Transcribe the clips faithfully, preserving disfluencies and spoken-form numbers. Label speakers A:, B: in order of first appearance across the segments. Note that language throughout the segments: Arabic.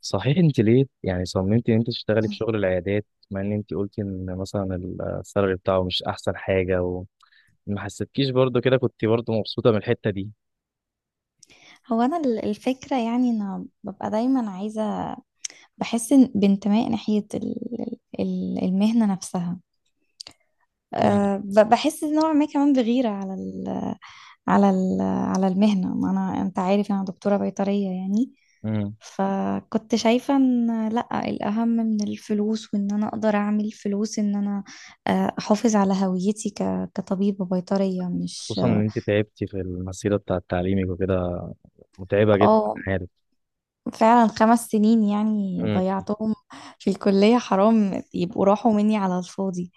A: صحيح، انت ليه يعني صممتي ان انت تشتغلي في شغل العيادات، مع ان انت قلتي ان مثلا السالري بتاعه مش احسن حاجه وما حسيتكيش برضو كده، كنت برضو مبسوطه من الحته دي؟
B: هو انا ال- الفكره، يعني انا ببقى دايما عايزه. بحس إن- بانتماء ناحيه ال- ال- المهنه نفسها.
A: امم.
B: أه ب- بحس نوع ما كمان بغيره على ال على ال على المهنه. ما انا انت عارف انا دكتوره بيطريه يعني.
A: امم.
B: فكنت شايفه ان لا الاهم من الفلوس، وان انا اقدر اعمل فلوس، ان انا آه، احافظ على هويتي ك- كطبيبه بيطريه، مش.
A: خصوصا ان انت تعبتي في المسيره بتاعه تعليمك وكده، متعبه جدا،
B: اه،
A: عارف.
B: فعلا خمس سنين يعني
A: امم.
B: ضيعتهم في الكلية، حرام يبقوا راحوا مني على الفاضي.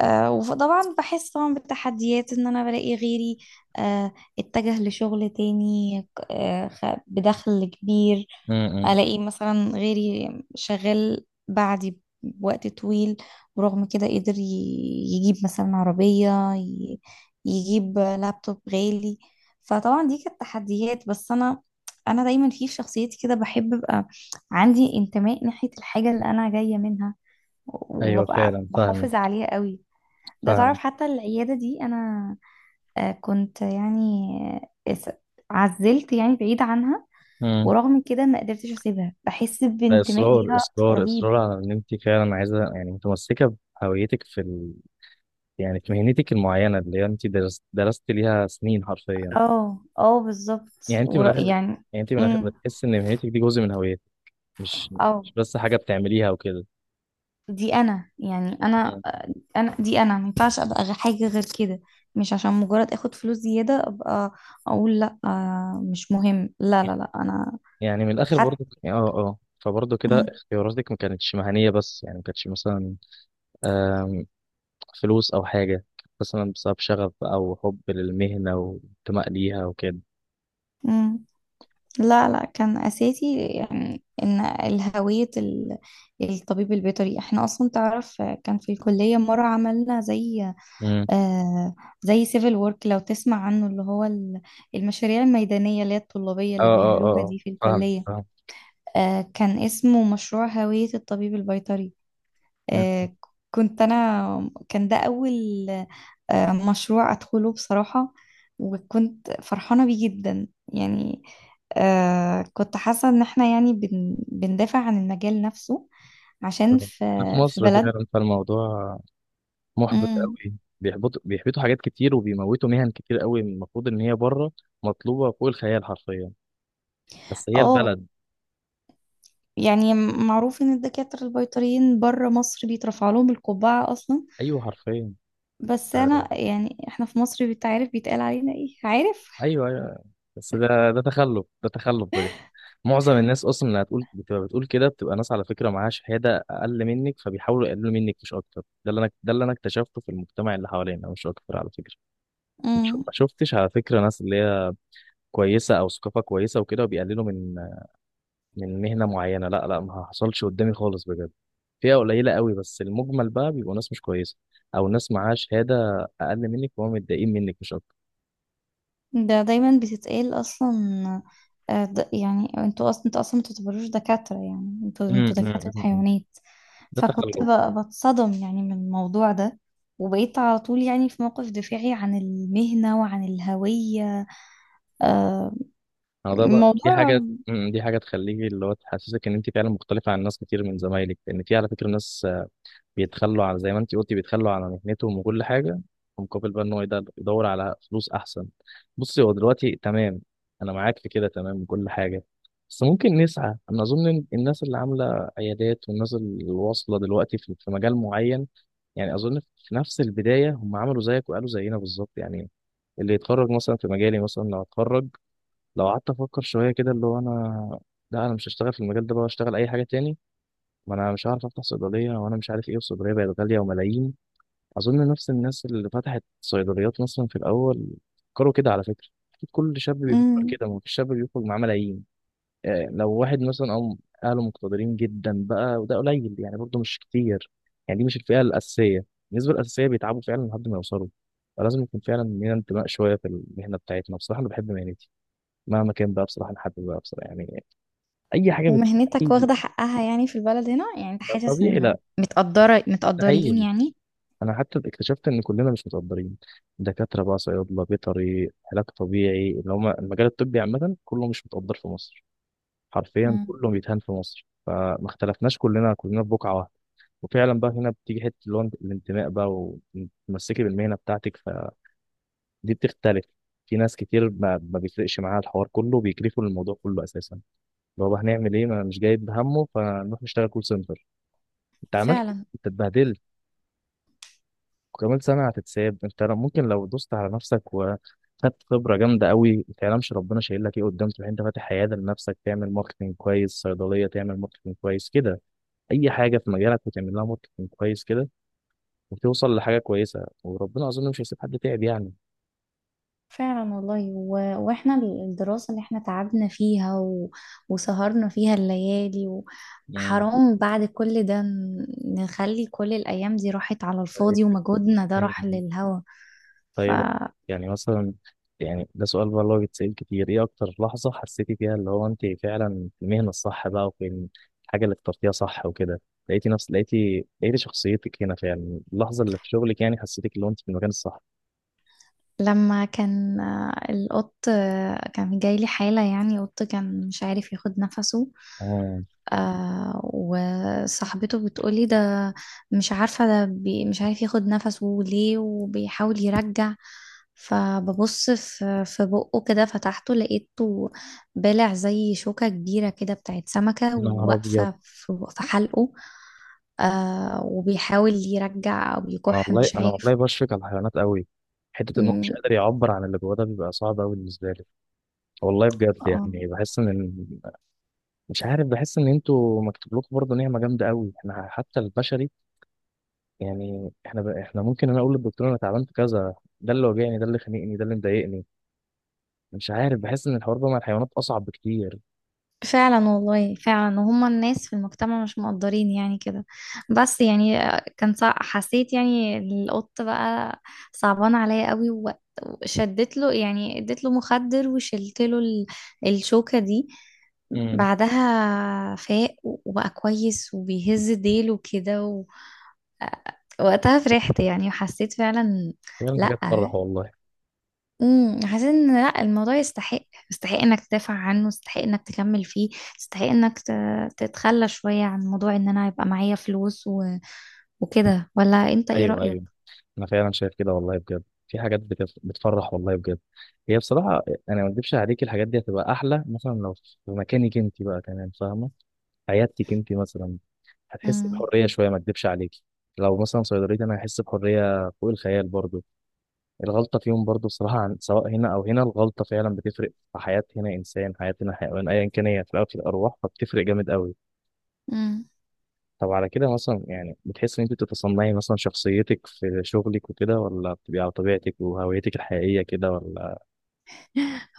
B: أه وطبعا بحس طبعا بالتحديات ان انا بلاقي غيري أه اتجه لشغل تاني أه خ- بدخل كبير،
A: امم.
B: الاقي مثلا غيري شغال بعدي بوقت طويل، ورغم كده قدر ي- يجيب مثلا عربية، ي- يجيب لابتوب غالي. فطبعا دي كانت تحديات، بس انا انا دايما في شخصيتي كده بحب ابقى عندي انتماء ناحية الحاجة اللي انا جاية منها،
A: ايوه،
B: وببقى
A: فعلا فاهمك،
B: بحافظ عليها قوي. ده تعرف
A: فاهمك.
B: حتى العيادة دي انا آه، كنت يعني، آه، عزلت يعني بعيد عنها،
A: امم.
B: ورغم كده ما قدرتش اسيبها، بحس بانتماء
A: اصرار
B: ليها
A: اصرار
B: رهيب.
A: اصرار على ان انت فعلا عايزه، يعني متمسكه بهويتك في ال... يعني في مهنتك المعينه اللي انت درست درست ليها سنين حرفيا.
B: اه، اه، بالظبط،
A: يعني انت من
B: ور-
A: الاخر
B: يعني.
A: يعني انت من الاخر
B: امم
A: بتحس ان مهنتك دي جزء من هويتك، مش
B: اه،
A: مش بس حاجه بتعمليها وكده.
B: دي انا يعني، انا
A: مم.
B: آه، انا دي انا ما ينفعش ابقى غ- حاجه غير كده. مش عشان مجرد اخد فلوس زياده ابقى اقول لا، آه، مش مهم، لا لا لا انا
A: يعني من الاخر برضو،
B: حتى.
A: اه اه، فبرضو كده
B: مم.
A: اختياراتك ما كانتش مهنيه، بس يعني ما كانتش مثلا آم، فلوس او حاجه، كانت مثلا بسبب شغف او حب للمهنه وانتماء ليها وكده.
B: مم. لا، لا، كان اساسي، يعني ان الهويه ال- الطبيب البيطري. احنا اصلا تعرف كان في الكليه مره عملنا زي
A: امم.
B: آه زي سيفل وورك، لو تسمع عنه، اللي هو ال- المشاريع الميدانية اللي هي الطلابية
A: اه
B: اللي
A: اه اه
B: بيعملوها
A: آه.
B: دي في
A: فاهم،
B: الكلية.
A: فاهم.
B: آه كان اسمه مشروع هوية الطبيب البيطري.
A: مم.
B: آه كنت أنا، كان ده أول آه مشروع أدخله بصراحة، وكنت فرحانة بيه جدا يعني. آه كنت حاسة إن احنا يعني بن بندافع عن المجال نفسه، عشان في
A: احنا في
B: في
A: مصر
B: بلد.
A: فعلا، فالموضوع محبط
B: مم.
A: قوي. بيحبطوا بيحبطوا حاجات كتير وبيموتوا مهن كتير قوي، المفروض ان هي بره مطلوبه فوق الخيال حرفيا، بس هي
B: اه،
A: البلد.
B: يعني معروف ان الدكاترة البيطريين بره مصر بيترفع لهم القبعة اصلا.
A: ايوه، حرفيا.
B: بس
A: آه،
B: انا يعني احنا في مصر بتعرف بيتقال علينا ايه، عارف؟
A: ايوه ايوه. بس ده ده تخلف، ده تخلف بجد. معظم الناس اصلا اللي هتقول بتبقى بتقول كده، بتبقى ناس على فكره معاها شهاده اقل منك فبيحاولوا يقللوا منك مش اكتر، ده اللي انا ده اللي انا اكتشفته في المجتمع اللي حوالينا مش اكتر على فكره. مش
B: امم
A: ما شفتش على فكره ناس اللي هي كويسه او ثقافه كويسه وكده، وبيقللوا من من مهنه معينه، لا لا، ما حصلش قدامي خالص بجد. فئة قليلة قوي، بس المجمل بقى بيبقوا ناس مش كويسة، أو ناس معاها شهادة أقل منك وهم متضايقين منك مش أكتر.
B: ده دايما بتتقال اصلا. آه، د- يعني انتوا اصلا، انتوا اصلا ما تعتبروش دكاترة، يعني انتوا
A: أمم،
B: انتوا
A: أمم،
B: دكاترة
A: أمم. أمم.
B: حيوانات.
A: ده تخلف.
B: فكنت ب- بتصدم يعني من الموضوع ده، وبقيت على طول يعني في موقف دفاعي عن المهنة وعن الهوية. آه،
A: أنا ده بقى، دي
B: الموضوع.
A: حاجة أمم، دي حاجة تخليكي اللي هو تحسسك إن أنت فعلا مختلفة عن ناس كتير من زمايلك، لأن في على فكرة ناس بيتخلوا، على زي ما انت قلتي بيتخلوا على مهنتهم وكل حاجه، مقابل بقى ان هو يدل- يدور على فلوس احسن. بصي، هو دلوقتي تمام، انا معاك في كده تمام وكل حاجه. بس ممكن نسعى. انا اظن إن الناس اللي عامله عيادات والناس اللي واصله دلوقتي في في مجال معين، يعني اظن في نفس البدايه هم عملوا زيك وقالوا زينا بالظبط يعني. اللي يتخرج مثلا في مجالي مثلا، لو اتخرج، لو قعدت افكر شويه كده اللي هو انا، لا انا مش هشتغل في المجال ده، بقى اشتغل اي حاجه تاني، ما انا مش عارف افتح صيدليه، وانا مش عارف ايه، الصيدليه بقت غاليه وملايين. اظن نفس الناس اللي فتحت صيدليات مثلا في الاول فكروا كده على فكره، اكيد كل شاب بيفكر
B: مم.
A: كده، ما فيش شاب بيخرج معاه ملايين. آه، لو واحد مثلا او اهله مقتدرين جدا بقى، وده قليل يعني برضه مش كتير، يعني دي مش الفئه الاساسيه، النسبه الاساسيه بيتعبوا فعلا لحد ما يوصلوا. فلازم يكون فعلا لينا انتماء شويه في المهنه بتاعتنا، بصراحه انا بحب مهنتي مهما كان بقى، بصراحه لحد بقى، بصراحه يعني اي حاجه بت...
B: ومهنتك
A: أي-
B: واخدة حقها يعني في البلد هنا، يعني انت حاسس
A: طبيعي،
B: ان
A: لا،
B: متقدرة،
A: ده حقيقي.
B: متقدرين يعني؟
A: انا حتى اكتشفت ان كلنا مش متقدرين، دكاتره بقى، صيادله، بيطري، علاج طبيعي، اللي هم المجال الطبي عامه كله مش متقدر في مصر. حرفيا
B: مم.
A: كله بيتهان في مصر، فما اختلفناش، كلنا كلنا في بقعه واحده. وفعلا بقى هنا بتيجي حته اللي هو الانتماء بقى، وتمسكي بالمهنه بتاعتك، فدي بتختلف. في ناس كتير ما, ما بيفرقش معاها الحوار كله، بيكرفوا الموضوع كله اساسا، اللي هو بقى هنعمل ايه، ما أنا مش جايب همه، فنروح نشتغل كول سنتر. انت عملت
B: فعلا.
A: انت اتبهدلت، وكمان سنة هتتساب، انت لو- ممكن لو دوست على نفسك وخدت خبرة جامدة قوي، ما تعلمش ربنا شايل لك ايه قدام، تروح انت فاتح عيادة لنفسك تعمل ماركتنج كويس، صيدلية تعمل ماركتنج كويس كده، اي حاجة في مجالك وتعمل لها ماركتنج كويس كده، وتوصل لحاجة كويسة، وربنا اظن مش هيسيب حد تعب يعني.
B: فعلا والله، و... واحنا الدراسة اللي احنا تعبنا فيها، و... وسهرنا فيها الليالي. و...
A: مم.
B: حرام بعد كل ده ن- نخلي كل الأيام دي راحت على
A: طيب.
B: الفاضي، ومجهودنا ده
A: مم.
B: راح للهوا.
A: طيب، يعني مثلا، يعني ده سؤال بقى اللي هو بيتسأل كتير، ايه اكتر لحظة حسيتي فيها اللي هو انت فعلا في المهنة الصح بقى وفي الحاجة اللي اخترتيها صح وكده، لقيتي نفس لقيتي لقيتي شخصيتك هنا فعلا، اللحظة اللي في شغلك يعني حسيتك اللي هو انت في المكان الصح؟
B: لما كان آه، القط، آه، كان جاي لي حالة، يعني قط كان مش عارف ياخد نفسه.
A: اه،
B: آه وصاحبته بتقولي ده مش عارفة، ده بي مش عارف ياخد نفسه ليه، وبيحاول يرجع. فببص في في بقه كده، فتحته لقيته بالع زي شوكة كبيرة كده بتاعت سمكة،
A: يا نهار ابيض.
B: واقفة في في حلقه. آه وبيحاول يرجع أو
A: انا
B: يكح
A: والله
B: مش
A: انا
B: عارف.
A: والله بشفق على الحيوانات قوي. حتة ان هو مش
B: مم.
A: قادر يعبر عن اللي جواه ده بيبقى صعب قوي بالنسبة لي. والله بجد
B: اه،
A: يعني بحس ان، مش عارف، بحس ان انتوا مكتوب لكم برضه نعمة جامدة قوي، احنا حتى البشري. يعني احنا ب... احنا ممكن انا اقول للدكتور انا تعبان في كذا، ده اللي واجعني، ده اللي خانقني، ده اللي مضايقني. مش عارف، بحس ان الحوار ده مع الحيوانات اصعب بكتير.
B: فعلا والله، فعلا وهم الناس في المجتمع مش مقدرين يعني كده. بس يعني كان صع... حسيت يعني القط بقى صعبان عليا قوي، و- وشدت له يعني، اديت له مخدر، وشلت له ال... الشوكة دي.
A: امم.
B: بعدها فاق وبقى كويس وبيهز ديله كده، و... وقتها فرحت يعني، وحسيت فعلا.
A: فعلا، حاجات
B: لأ.
A: تفرح والله.
B: امم حاسين ان لا الموضوع يستحق، يستحق انك تدافع عنه، يستحق انك تكمل فيه، يستحق انك ت- تتخلى شوية عن موضوع ان انا يبقى معايا فلوس و... وكده، ولا انت ايه
A: ايوه
B: رأيك؟
A: ايوه، انا فعلا شايف كده والله بجد، في حاجات بتف... بتفرح والله بجد. هي بصراحه، انا ما اكدبش عليك، الحاجات دي هتبقى احلى مثلا لو في مكانك انت بقى كمان فاهمه، عيادتك انت مثلا، هتحسي
B: امم
A: بحريه شويه ما اكدبش عليك. لو مثلا صيدليتي انا هحس بحريه فوق الخيال برضه. الغلطة فيهم برضو الصراحة، عن سواء هنا أو هنا الغلطة فعلا بتفرق في حياة، هنا إنسان، حياة هنا حيوان، أيا كان هي في الأول في الأرواح، فبتفرق جامد قوي.
B: امم
A: طب على كده مثلا، يعني بتحس إن أنت بتتصنعي مثلا شخصيتك في شغلك وكده، ولا بتبقي على طبيعتك وهويتك الحقيقية كده، ولا؟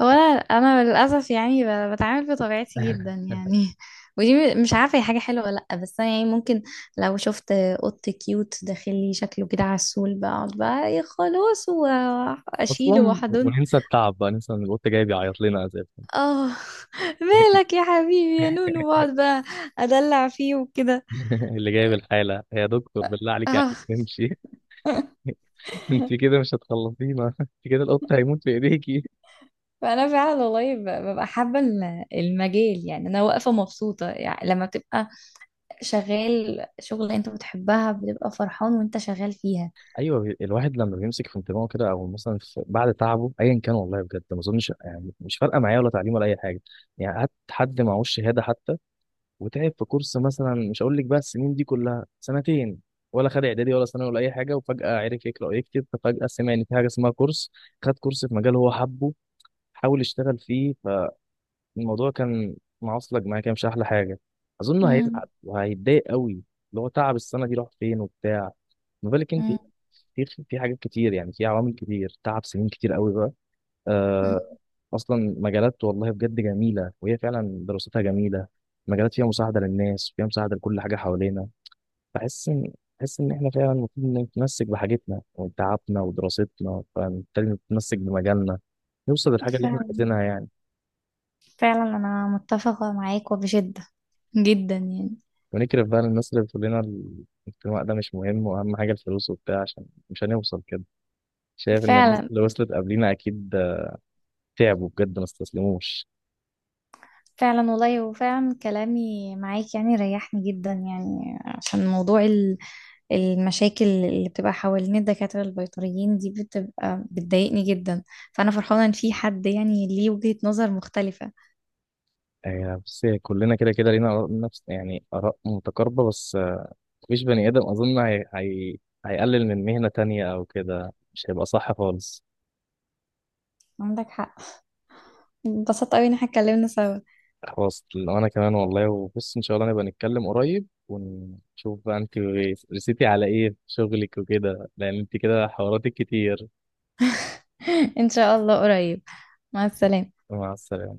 B: هو انا انا للاسف يعني ب- بتعامل بطبيعتي جدا يعني ودي م- مش عارفة هي حاجة حلوة ولا لا، بس انا يعني ممكن لو شفت قط كيوت داخل لي شكله كده عسول، بقعد بقى ايه، خلاص واشيله
A: أصلا،
B: واحضنه.
A: وننسى التعب بقى، ننسى إن القط جاي بيعيط لنا أساسا.
B: اه، مالك يا حبيبي يا نونو، واقعد بقى، ادلع فيه وكده.
A: اللي جايب الحالة، يا دكتور بالله عليك يعني
B: اه،
A: تمشي. أنت كده مش هتخلصينا. أنت كده القط هيموت في إيديكي.
B: فانا فعلا والله ب- ببقى حابه ال- المجال، يعني انا واقفه مبسوطه، يعني لما بتبقى شغال شغل انت بتحبها بتبقى فرحان وانت شغال فيها.
A: ايوه، بي- الواحد لما بيمسك في انتباهه كده او مثلا في بعد تعبه ايا كان، والله بجد ما اظنش، يعني مش فارقه معايا ولا تعليم ولا اي حاجه، يعني هات حد معهوش شهاده حتى، وتعب في كورس مثلا، مش هقول لك بقى السنين دي كلها، سنتين، ولا خد اعدادي ولا ثانوي ولا اي حاجه، وفجاه عرف يقرا ويكتب، ففجاه سمع ان في حاجه اسمها كورس، خد كورس في مجال هو حبه، حاول يشتغل فيه، الموضوع كان معصلج معايا كده، مش احلى حاجه، اظن هيزعل
B: امم
A: وهيتضايق قوي، اللي هو تعب السنه دي راح فين وبتاع، ما بالك انت.
B: مم.
A: في في حاجات كتير، يعني في عوامل كتير، تعب سنين كتير قوي بقى
B: مم.
A: آه. اصلا مجالات والله بجد جميله، وهي فعلا دراستها جميله، مجالات فيها مساعده للناس وفيها مساعده لكل حاجه حوالينا. بحس ان بحس ان احنا فعلا المفروض نتمسك بحاجتنا وتعبنا ودراستنا، فبالتالي نتمسك بمجالنا، نوصل للحاجه اللي احنا
B: فعلا،
A: عايزينها يعني.
B: فعلا انا متفقه معاك وبشده جدا يعني.
A: ونكرف بقى الناس اللي بتقول لنا ال- الانتماء ده مش مهم واهم حاجه الفلوس وبتاع، عشان مش هنوصل كده. شايف ان الناس
B: فعلا،
A: اللي وصلت قبلينا اكيد تعبوا بجد ما استسلموش.
B: فعلا والله، وفعلا كلامي معاك يعني ريحني جدا، يعني عشان موضوع المشاكل اللي بتبقى حوالين الدكاترة البيطريين دي، بتبقى بتضايقني جدا. فأنا فرحانة إن في حد يعني ليه وجهة نظر مختلفة.
A: آه، بس كلنا كده كده لينا آراء نفس يعني آراء متقاربة بس، آه، مفيش بني آدم أظن هي... هي... هيقلل من مهنة تانية أو كده، مش هيبقى صح خالص.
B: عندك حق، انبسطت أوي إن احنا اتكلمنا سوا.
A: خلاص، أنا كمان والله. وبص إن شاء الله نبقى نتكلم قريب ونشوف بقى أنت رسيتي على إيه في شغلك وكده، لأن أنت كده حواراتك كتير.
B: إن شاء الله قريب. مع السلامة.
A: مع السلامة.